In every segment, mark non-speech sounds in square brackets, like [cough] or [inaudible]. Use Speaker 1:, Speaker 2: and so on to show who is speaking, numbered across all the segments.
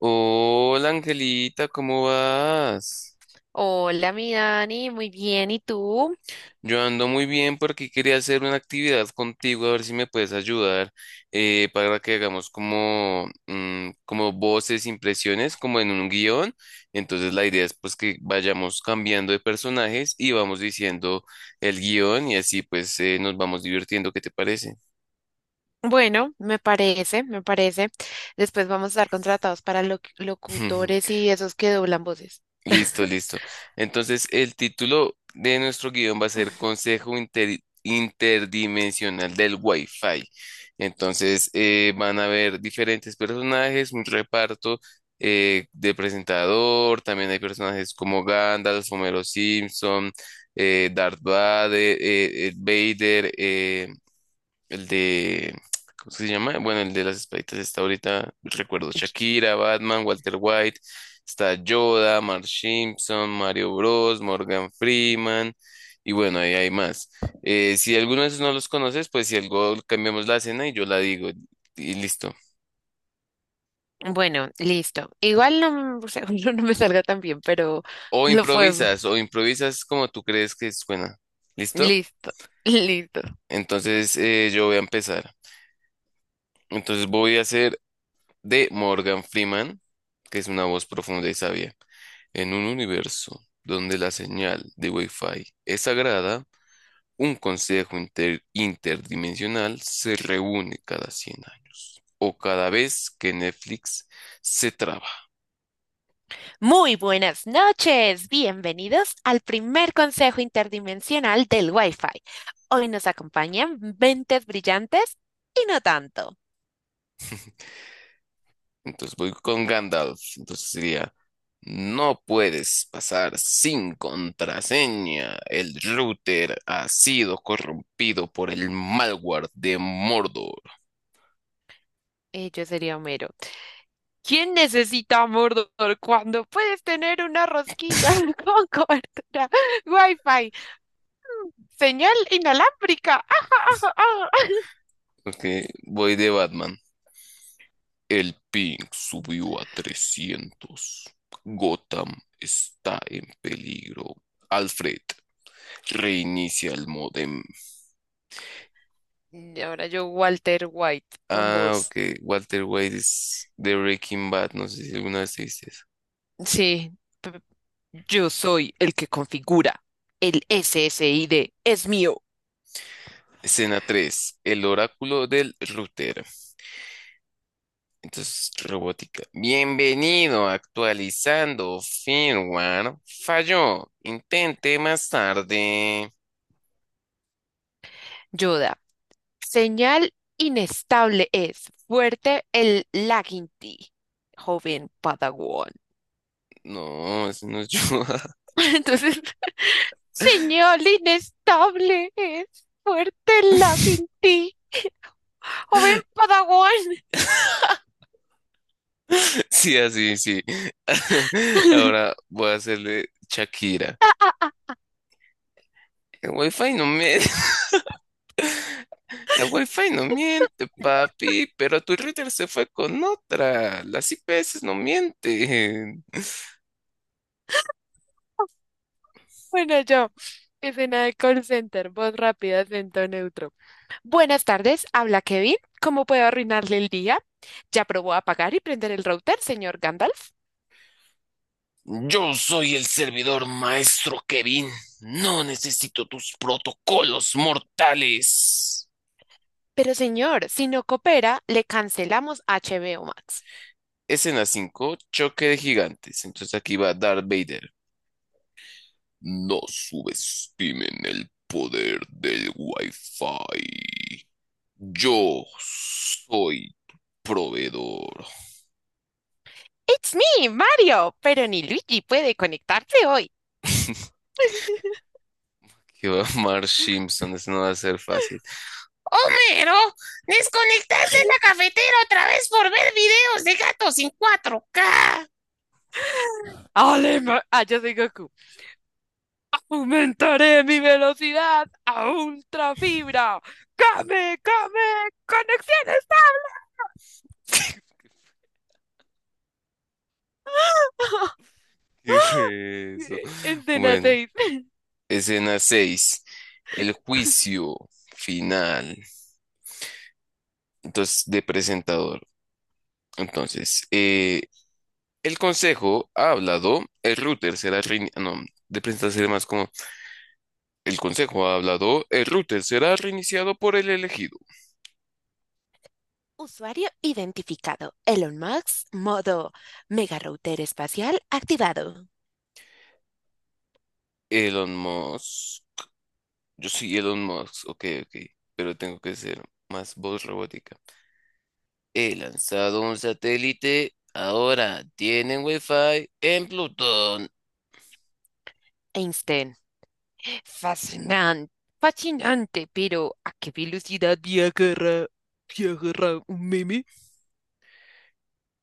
Speaker 1: Hola Angelita, ¿cómo vas?
Speaker 2: Hola, mi Dani, muy bien. ¿Y tú?
Speaker 1: Yo ando muy bien porque quería hacer una actividad contigo, a ver si me puedes ayudar para que hagamos como, como voces, impresiones, como en un guión. Entonces la idea es pues que vayamos cambiando de personajes y vamos diciendo el guión y así pues nos vamos divirtiendo, ¿qué te parece?
Speaker 2: Bueno, me parece, me parece. Después vamos a estar contratados para
Speaker 1: [laughs]
Speaker 2: locutores y esos que doblan voces.
Speaker 1: Listo,
Speaker 2: [laughs]
Speaker 1: listo. Entonces, el título de nuestro guión va a ser Consejo Interdimensional del Wi-Fi. Entonces, van a haber diferentes personajes, un reparto de presentador. También hay personajes como Gandalf, Homero Simpson, Darth Vader, Vader, el de, ¿cómo es que se llama? Bueno, el de las espaditas está ahorita, recuerdo
Speaker 2: Ch-
Speaker 1: Shakira, Batman, Walter White, está Yoda, Mark Simpson, Mario Bros, Morgan Freeman, y bueno, ahí hay más. Si alguno de esos no los conoces, pues si algo cambiamos la escena y yo la digo, y listo.
Speaker 2: Bueno, listo. Igual no, seguro [laughs] no me salga tan bien, pero lo fue.
Speaker 1: O improvisas como tú crees que suena. ¿Listo?
Speaker 2: Listo, [laughs] listo.
Speaker 1: Entonces yo voy a empezar. Entonces voy a hacer de Morgan Freeman, que es una voz profunda y sabia. En un universo donde la señal de Wi-Fi es sagrada, un consejo interdimensional se reúne cada 100 años o cada vez que Netflix se traba.
Speaker 2: Muy buenas noches. Bienvenidos al primer consejo interdimensional del Wi-Fi. Hoy nos acompañan mentes brillantes y no tanto.
Speaker 1: Entonces voy con Gandalf. Entonces sería, no puedes pasar sin contraseña. El router ha sido corrompido por el malware de Mordor.
Speaker 2: Yo sería Homero. ¿Quién necesita Mordor cuando puedes tener una rosquilla [laughs] con cobertura Wi-Fi? Señal inalámbrica. ¡Ah, ah!
Speaker 1: Ok, voy de Batman. El ping subió a 300. Gotham está en peligro. Alfred, reinicia el modem.
Speaker 2: Y ahora yo, Walter White, con
Speaker 1: Ah,
Speaker 2: voz.
Speaker 1: ok. Walter White es de Breaking Bad. No sé si alguna vez viste eso.
Speaker 2: Sí, p- yo soy el que configura. El SSID es mío.
Speaker 1: Escena 3. El oráculo del router. Entonces, robótica. Bienvenido, actualizando firmware. Falló. Intente más tarde.
Speaker 2: Yoda, señal inestable es. Fuerte el lagging, joven Padawan.
Speaker 1: No, eso no es yo.
Speaker 2: [laughs] Entonces, señal inestable, es fuerte el laguinti, joven Padawan.
Speaker 1: [laughs] [laughs] Sí, así, sí. [laughs]
Speaker 2: [laughs]
Speaker 1: Ahora voy a hacerle Shakira. El wifi no miente, [laughs] el wifi no miente, papi, pero tu router se fue con otra. Las IPS no mienten.
Speaker 2: Bueno, yo, escena de call center, voz rápida, acento neutro. Buenas tardes, habla Kevin. ¿Cómo puedo arruinarle el día? Ya probó apagar y prender el router, señor Gandalf.
Speaker 1: Yo soy el servidor maestro Kevin. No necesito tus protocolos mortales.
Speaker 2: Pero señor, si no coopera, le cancelamos HBO Max.
Speaker 1: Escena 5, choque de gigantes. Entonces aquí va Darth Vader. No subestimen el poder del Wi-Fi. Yo soy proveedor.
Speaker 2: It's me, Mario, pero ni Luigi puede conectarse hoy.
Speaker 1: [laughs] Que va a Marge Simpson, eso no va a ser fácil.
Speaker 2: [laughs] Yo soy Goku. Aumentaré mi velocidad a ultrafibra. ¡Came, came! ¡Conexión
Speaker 1: [laughs] ¿Qué fue eso?
Speaker 2: estable! [laughs] Escena
Speaker 1: Bueno,
Speaker 2: 6.
Speaker 1: escena 6. El juicio final. Entonces, de presentador. Entonces, el consejo ha hablado, el router será reiniciado. No, de presentar sería más como el consejo ha hablado, el router será reiniciado por el elegido.
Speaker 2: Usuario identificado. Elon Musk, modo mega router espacial activado.
Speaker 1: Elon Musk. Yo soy Elon Musk, ok, ok, pero tengo que ser más voz robótica. He lanzado un satélite, ahora tienen Wi-Fi en Plutón.
Speaker 2: Einstein. Fascinante, fascinante, pero ¿a qué velocidad viajará? ¿Viajará un meme?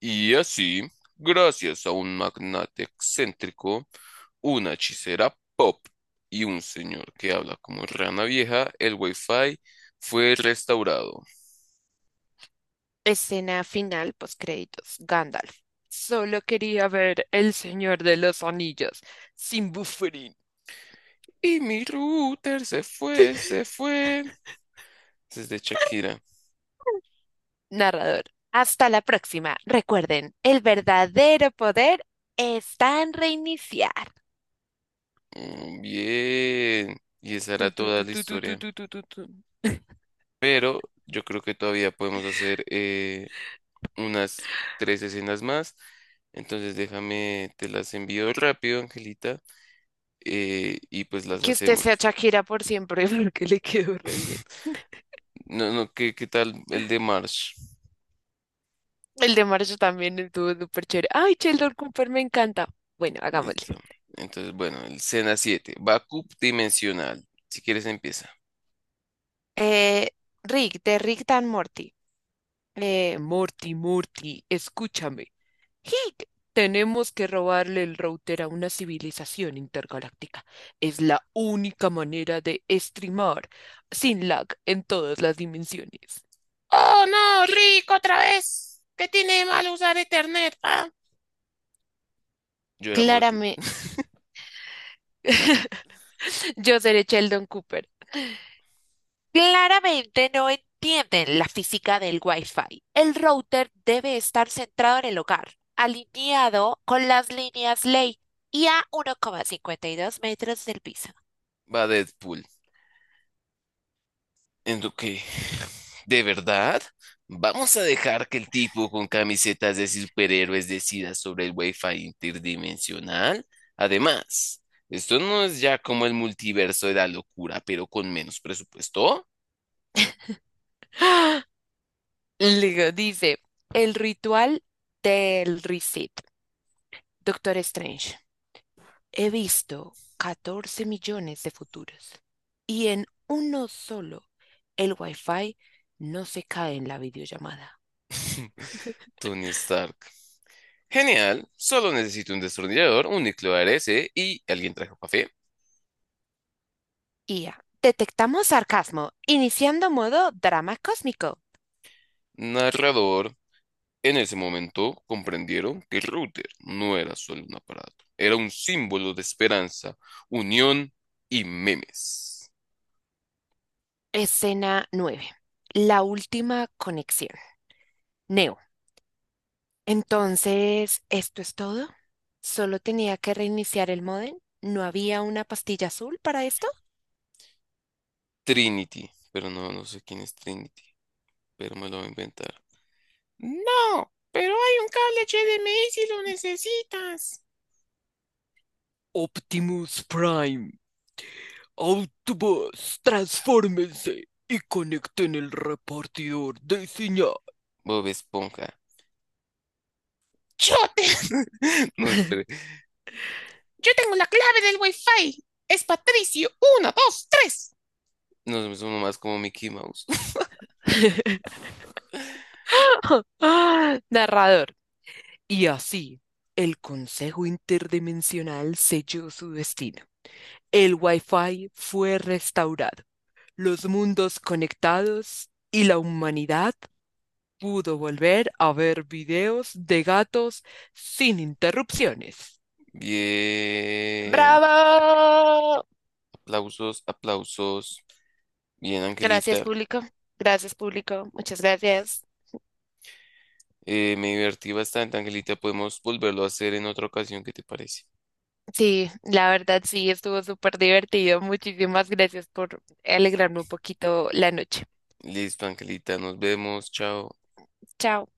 Speaker 1: Y así, gracias a un magnate excéntrico, una hechicera pop y un señor que habla como rana vieja, el Wi-Fi fue restaurado.
Speaker 2: Escena final, postcréditos, Gandalf. Solo quería ver El Señor de los Anillos, sin buffering.
Speaker 1: Y mi router se fue, se fue. Desde Shakira.
Speaker 2: Narrador. Hasta la próxima. Recuerden, el verdadero poder está en reiniciar.
Speaker 1: Bien. Y esa era
Speaker 2: Tu, tu,
Speaker 1: toda
Speaker 2: tu,
Speaker 1: la
Speaker 2: tu, tu, tu,
Speaker 1: historia.
Speaker 2: tu, tu, tu, tu. [laughs]
Speaker 1: Pero yo creo que todavía podemos hacer unas tres escenas más. Entonces déjame, te las envío rápido, Angelita, y pues las
Speaker 2: Que usted sea
Speaker 1: hacemos.
Speaker 2: Shakira por siempre, [laughs] porque le quedó re bien.
Speaker 1: No, no, ¿qué tal el de Marsh?
Speaker 2: El de marzo también estuvo súper chévere. Ay, Sheldon Cooper me encanta. Bueno, hagámosle.
Speaker 1: Listo. Entonces, bueno, el escena 7, Backup dimensional. Si quieres empieza.
Speaker 2: Eh, Rick, de Rick Dan Morty. Morty, Morty, escúchame. Hic, tenemos que robarle el router a una civilización intergaláctica. Es la única manera de streamar sin lag en todas las dimensiones.
Speaker 1: Oh, no, Rick, otra vez. ¿Qué tiene de malo usar Ethernet? Ah, yo era Morty.
Speaker 2: Claramente, [laughs] yo seré Sheldon Cooper. Claramente no entienden la física del Wi-Fi. El router
Speaker 1: [laughs]
Speaker 2: debe estar centrado en el hogar, alineado con las líneas ley y a 1,52 metros del piso.
Speaker 1: Va Deadpool. En lo que, ¿de verdad? ¿Vamos a dejar que el tipo con camisetas de superhéroes decida sobre el Wi-Fi interdimensional? Además, esto no es ya como el multiverso de la locura, pero con menos presupuesto.
Speaker 2: Luego dice, el ritual del reset, Doctor Strange. He visto 14 millones de futuros y en uno solo el Wi-Fi no se cae en la videollamada.
Speaker 1: [laughs] Tony Stark. Genial, solo necesito un destornillador, un núcleo ARS y alguien trajo café.
Speaker 2: IA. Detectamos sarcasmo, iniciando modo drama cósmico.
Speaker 1: Narrador. En ese momento comprendieron que el router no era solo un aparato, era un símbolo de esperanza, unión y memes.
Speaker 2: Escena 9. La última conexión. Neo. Entonces, ¿esto es todo? ¿Solo tenía que reiniciar el módem? ¿No había una pastilla azul para esto?
Speaker 1: Trinity, pero no, no sé quién es Trinity, pero me lo voy a inventar. No, pero hay un cable HDMI si lo necesitas.
Speaker 2: Optimus Prime, Autobots, transfórmense, Ixña.
Speaker 1: Bob Esponja. Yo, [laughs] No, espere. Yo tengo la clave del Wi-Fi. Es Patricio. Uno, dos, tres. No, somos más como Mickey Mouse. [laughs]
Speaker 2: [laughs] Narrador. Y así, el Consejo Interdimensional selló su destino. El Wi-Fi fue restaurado, los mundos conectados y la humanidad pudo volver a ver videos de gatos sin interrupciones.
Speaker 1: Bien.
Speaker 2: ¡Bravo!
Speaker 1: Aplausos, aplausos. Bien,
Speaker 2: Gracias,
Speaker 1: Angelita,
Speaker 2: público. Gracias, público. Muchas gracias.
Speaker 1: me divertí bastante, Angelita. Podemos volverlo a hacer en otra ocasión, ¿qué te parece?
Speaker 2: Sí, la verdad sí, estuvo súper divertido. Muchísimas gracias por alegrarme un poquito la noche.
Speaker 1: Listo, Angelita, nos vemos, chao.
Speaker 2: Chao.